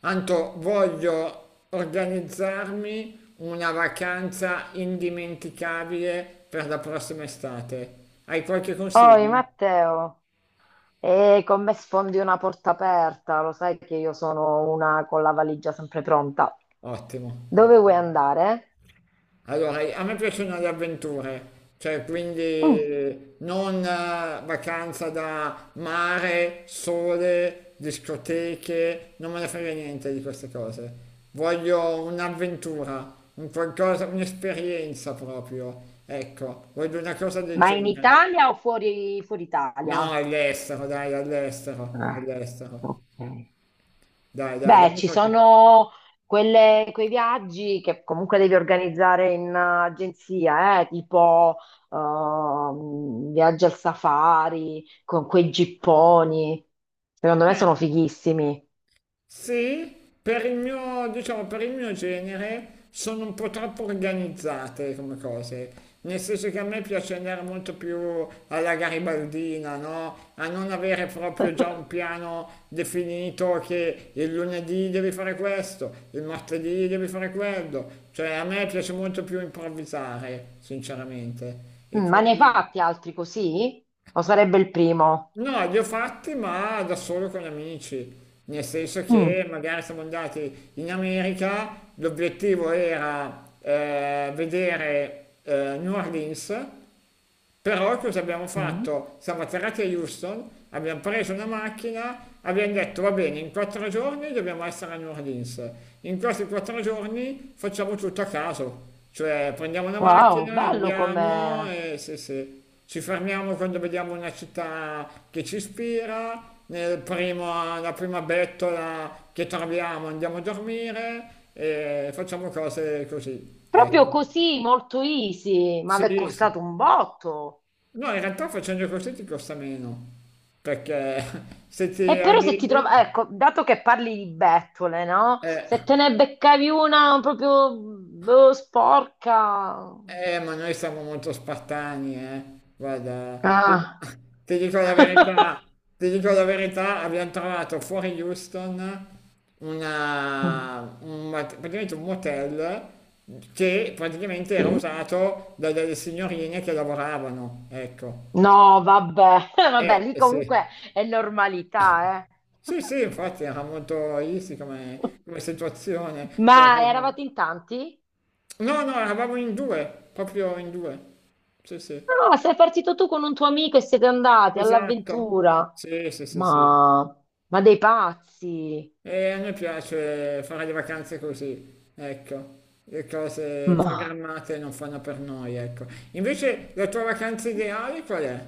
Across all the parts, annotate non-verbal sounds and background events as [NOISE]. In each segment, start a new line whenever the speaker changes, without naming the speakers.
Anto, voglio organizzarmi una vacanza indimenticabile per la prossima estate. Hai qualche
Oi
consiglio?
Matteo, e con me sfondi una porta aperta, lo sai che io sono una con la valigia sempre pronta.
Ottimo.
Dove vuoi andare?
Allora, a me piacciono le avventure, cioè
Mm.
quindi non vacanza da mare, sole, discoteche, non me ne frega niente di queste cose. Voglio un'avventura, un qualcosa, un'esperienza proprio. Ecco, voglio una cosa del
Ma in
genere.
Italia o fuori, fuori
No,
Italia?
all'estero, dai, all'estero,
Ah, ok.
all'estero. Dai, dai,
Beh,
dammi
ci
qualche...
sono quei viaggi che comunque devi organizzare in agenzia, tipo viaggi al safari con quei gipponi. Secondo me
Eh,
sono fighissimi.
sì, per il mio, diciamo, per il mio genere sono un po' troppo organizzate come cose. Nel senso che a me piace andare molto più alla garibaldina, no? A non avere proprio già un piano definito che il lunedì devi fare questo, il martedì devi fare quello. Cioè, a me piace molto più improvvisare, sinceramente. E
Mm, ma ne hai
quindi...
fatti altri così? O sarebbe il primo?
No, li ho fatti ma da solo con amici, nel senso che
Mm.
magari siamo andati in America, l'obiettivo era vedere New Orleans, però cosa abbiamo
Mm.
fatto? Siamo atterrati a Houston, abbiamo preso una macchina, abbiamo detto va bene, in quattro giorni dobbiamo essere a New Orleans, in questi quattro giorni facciamo tutto a caso, cioè prendiamo una
Wow,
macchina,
bello
andiamo
com'è.
e sì, sì, ci fermiamo quando vediamo una città che ci ispira, la prima bettola che troviamo andiamo a dormire e facciamo cose così.
Proprio
Ecco.
così, molto easy, ma
Sì,
mi è
sì.
costato un botto.
No, in realtà facendo così ti costa meno, perché [LAUGHS] se ti
E però se ti trovi,
adegui,
ecco, dato che parli di bettole, no?
eh,
Se te ne beccavi una proprio boh, sporca.
ma noi siamo molto spartani, eh. Guarda,
Ah.
[LAUGHS] ti dico la
[LAUGHS]
verità, abbiamo trovato fuori Houston
Mm.
praticamente un motel che praticamente era
Sì.
usato da delle signorine che lavoravano, ecco.
No, vabbè, [LAUGHS] vabbè, lì
Sì.
comunque è normalità, eh.
Sì, sì, infatti era molto easy come, come
[LAUGHS]
situazione. Cioè,
Ma
proprio-
eravate in tanti?
No, no, eravamo in due, proprio in due. Sì, sì.
Ah, sei partito tu con un tuo amico e siete andati
Esatto.
all'avventura.
Sì, sì, sì, sì.
Ma, ma dei pazzi.
E a noi piace fare le vacanze così, ecco. Le cose
Ma
programmate non fanno per noi, ecco. Invece la tua vacanza ideale qual è?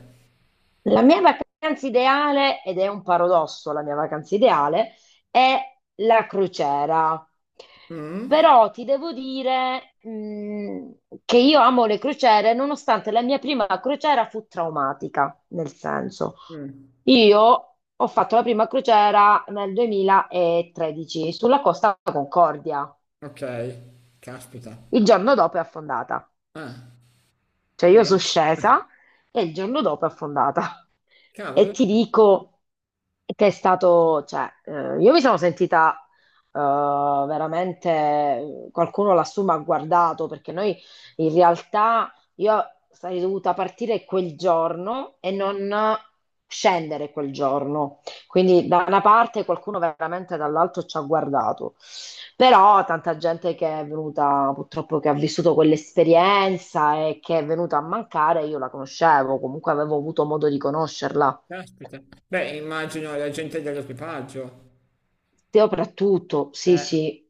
la mia vacanza ideale, ed è un paradosso, la mia vacanza ideale è la crociera.
Mm?
Però ti devo dire, che io amo le crociere, nonostante la mia prima crociera fu traumatica, nel senso,
Mm,
io ho fatto la prima crociera nel 2013 sulla Costa Concordia.
ok, caspita.
Il giorno dopo è affondata.
Ah,
Cioè io sono
bene.
scesa e il giorno dopo è affondata. [LAUGHS] E
Cavolo,
ti dico che è stato, cioè, io mi sono sentita eh, veramente, qualcuno lassù mi ha guardato perché noi in realtà io sarei dovuta partire quel giorno e non scendere quel giorno. Quindi da una parte qualcuno veramente dall'altro ci ha guardato, però tanta gente che è venuta purtroppo che ha vissuto quell'esperienza e che è venuta a mancare, io la conoscevo, comunque avevo avuto modo di conoscerla.
caspita. Beh, immagino la gente dell'equipaggio.
Soprattutto, sì,
Eh.
sì.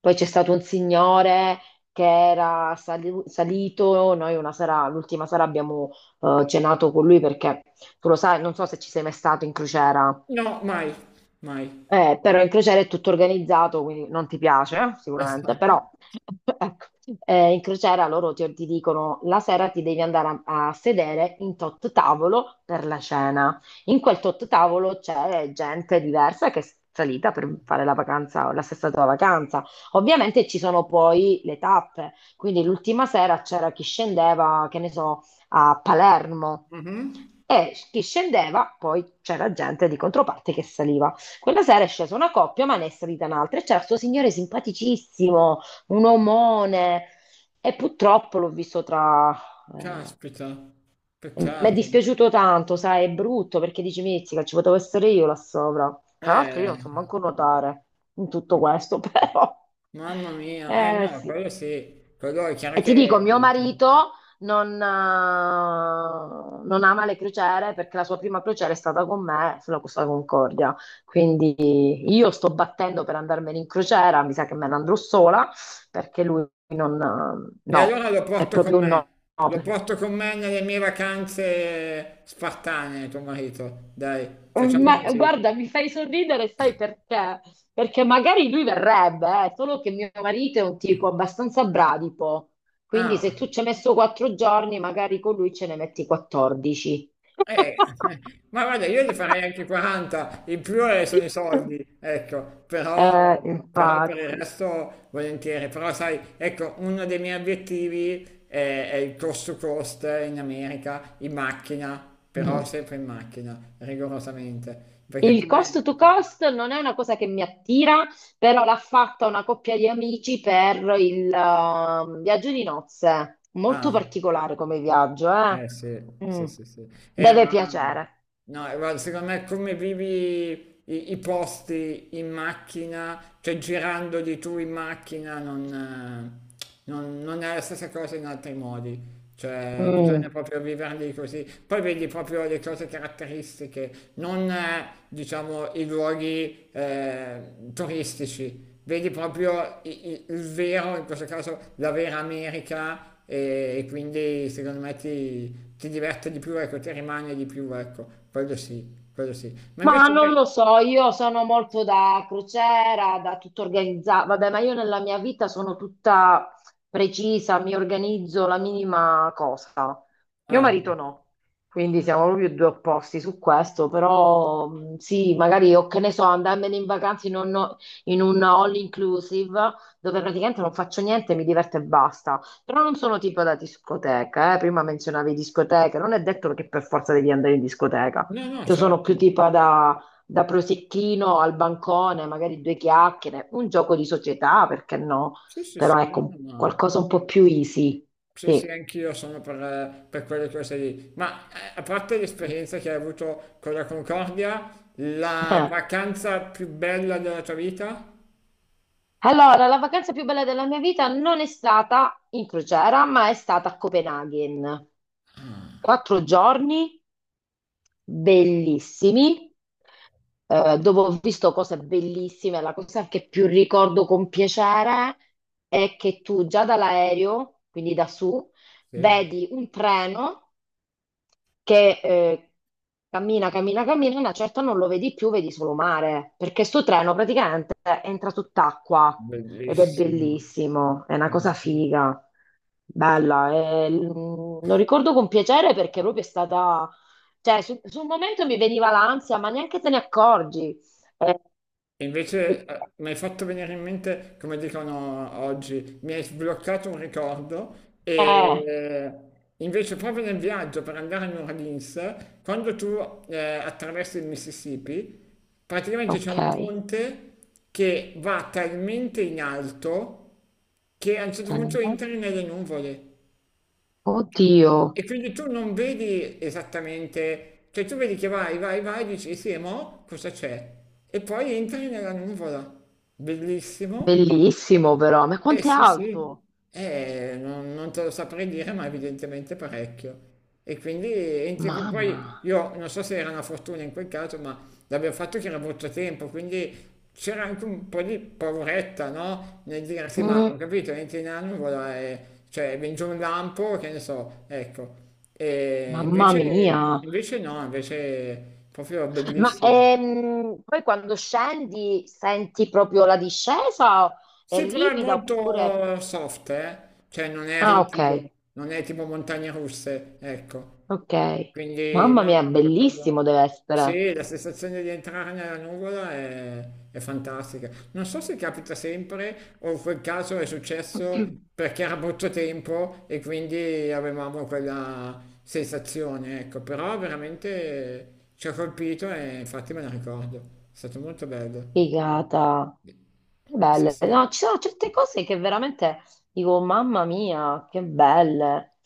Poi c'è stato un signore che era salito, noi una sera, l'ultima sera abbiamo cenato con lui perché tu lo sai, non so se ci sei mai stato in crociera.
No, mai, mai.
Però in crociera è tutto organizzato, quindi non ti piace, sicuramente,
Esatto.
però [LAUGHS] ecco, in crociera loro ti dicono la sera ti devi andare a sedere in tot tavolo per la cena. In quel tot tavolo c'è gente diversa che è salita per fare la vacanza, la stessa tua vacanza. Ovviamente ci sono poi le tappe, quindi l'ultima sera c'era chi scendeva, che ne so, a Palermo
Mh-mh.
e chi scendeva, poi c'era gente di controparte che saliva. Quella sera è scesa una coppia, ma ne è salita un'altra e c'era questo signore simpaticissimo, un omone. E purtroppo l'ho visto tra... eh,
Caspita,
mi è
peccato.
dispiaciuto tanto, sai, è brutto perché dici, mizzica, ci potevo essere io là sopra. Tra l'altro io
Eh,
non so manco nuotare in tutto questo, [LAUGHS] però...
mamma mia, eh
Eh
no,
sì.
quello sì, quello è chiaro
E ti dico, mio
che
marito non, eh, non ama le crociere perché la sua prima crociera è stata con me sulla Costa Concordia. Quindi io sto battendo per andarmene in crociera, mi sa che me ne andrò sola perché lui non...
e
no,
allora lo
è
porto con
proprio un
me,
no.
lo porto con me nelle mie vacanze spartane, tuo marito, dai, facciamo
Ma
così.
guarda, mi fai sorridere, sai perché? Perché magari lui verrebbe, solo che mio marito è un tipo abbastanza bradipo, quindi se
Ah.
tu ci hai messo quattro giorni, magari con lui ce ne metti 14.
Eh, [LAUGHS]
[LAUGHS]
ma guarda, io ne farei anche 40, in più sono i soldi, ecco, però, però per il
Infatti.
resto volentieri, però sai, ecco, uno dei miei obiettivi è il cost to cost in America, in macchina, però
Mm.
sempre in macchina, rigorosamente, perché
Il cost
come...
to cost non è una cosa che mi attira, però l'ha fatta una coppia di amici per il viaggio di nozze. Molto
Ah.
particolare come viaggio, eh?
Eh sì, sì,
Mm.
sì, sì.
Deve
Ma
piacere.
no, guarda, secondo me come vivi i posti in macchina, cioè girandoli tu in macchina, non è la stessa cosa in altri modi. Cioè, bisogna
Mm.
proprio viverli così. Poi vedi proprio le cose caratteristiche, non diciamo i luoghi turistici, vedi proprio vero, in questo caso la vera America e quindi secondo me ti diverte di più, ecco, ti rimane di più, ecco, quello sì, quello sì. Ma
Ma
invece
non
dai,
lo so, io sono molto da crociera, da tutto organizzato. Vabbè, ma io nella mia vita sono tutta precisa, mi organizzo la minima cosa. Mio
ah,
marito no, quindi siamo proprio due opposti su questo, però sì, magari o che ne so, andarmene in vacanza in in un all inclusive dove praticamente non faccio niente, mi diverto e basta. Però non sono tipo da discoteca, eh. Prima menzionavi discoteche, non è detto che per forza devi andare in discoteca.
no, no,
Io sono
certo,
più tipo da, da prosecchino al bancone, magari due chiacchiere, un gioco di società, perché no?
sì, sì,
Però
sì,
ecco,
no, no, ma-
qualcosa un po' più easy.
Sì, sì,
Sì.
anch'io sono per quelle cose lì. Ma a parte l'esperienza che hai avuto con la Concordia, la
Eh.
vacanza più bella della tua vita?
Allora, la vacanza più bella della mia vita non è stata in crociera, ma è stata a Copenaghen. Quattro giorni bellissimi dove ho visto cose bellissime, la cosa che più ricordo con piacere è che tu già dall'aereo, quindi da su,
Sì,
vedi un treno che cammina, cammina, cammina, una certa non lo vedi più, vedi solo mare, perché sto treno praticamente entra sott'acqua ed è
bellissimo.
bellissimo, è una
Eh
cosa
sì.
figa, bella, e, mm, lo ricordo con piacere perché proprio è stata, cioè sul momento mi veniva l'ansia, ma neanche te ne accorgi. Eh,
E
eh,
invece, mi hai fatto venire in mente, come dicono oggi, mi hai sbloccato un ricordo e
eh,
invece proprio nel viaggio per andare a New Orleans, quando tu attraversi il Mississippi, praticamente c'è
ok,
un ponte che va talmente in alto che a un certo punto entri nelle nuvole.
oddio,
E quindi tu non vedi esattamente, cioè tu vedi che vai, vai, vai, dici sì, e mo cosa c'è? E poi entri nella nuvola. Bellissimo,
bellissimo però, ma
eh
quanto è
sì, sì,
alto?
eh, non, non te lo saprei dire, ma evidentemente parecchio. E quindi entri- poi
Mamma.
io non so se era una fortuna in quel caso, ma l'abbiamo fatto che era molto tempo, quindi c'era anche un po' di pauretta, no? Nel dire sì, ma ho
Mm.
capito, entri in annuvola e cioè vince un lampo, che ne so, ecco. E
Mamma mia,
invece, invece no, invece proprio
ma
bellissimo.
poi quando scendi senti proprio la discesa? È
Sì, però è
ripida oppure...
molto soft, eh? Cioè non è
Ah, ok,
ripido, non è tipo montagne russe, ecco.
ok.
Quindi
Mamma
no,
mia,
no, per quello...
bellissimo deve essere.
Sì, la sensazione di entrare nella nuvola è fantastica. Non so se capita sempre o in quel caso è successo
[CLEARS THROAT]
perché era brutto tempo e quindi avevamo quella sensazione, ecco. Però veramente ci ha colpito e infatti me la ricordo. È stato molto bello.
Figata, che
Sì,
belle. No,
sì.
ci sono certe cose che veramente dico, mamma mia, che belle.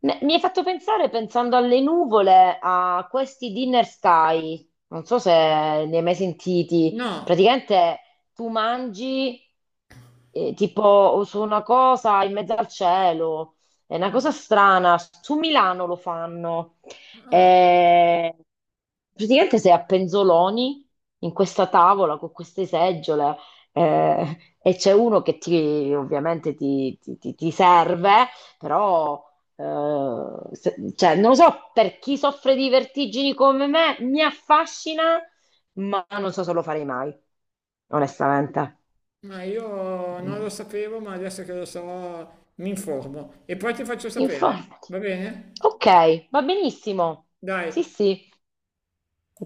Mi hai fatto pensare, pensando alle nuvole, a questi dinner sky. Non so se ne hai mai sentiti.
No,
Praticamente tu mangi tipo su una cosa in mezzo al cielo. È una cosa strana. Su Milano lo fanno.
ah,
Eh, praticamente sei a penzoloni in questa tavola con queste seggiole e c'è uno che ti, ovviamente ti serve, però cioè, non lo so, per chi soffre di vertigini come me, mi affascina, ma non so se lo farei mai, onestamente.
ma io non lo sapevo, ma adesso che lo so, mi informo e poi ti faccio sapere,
Informati.
va bene?
Ok, va benissimo.
Dai,
Sì, sì.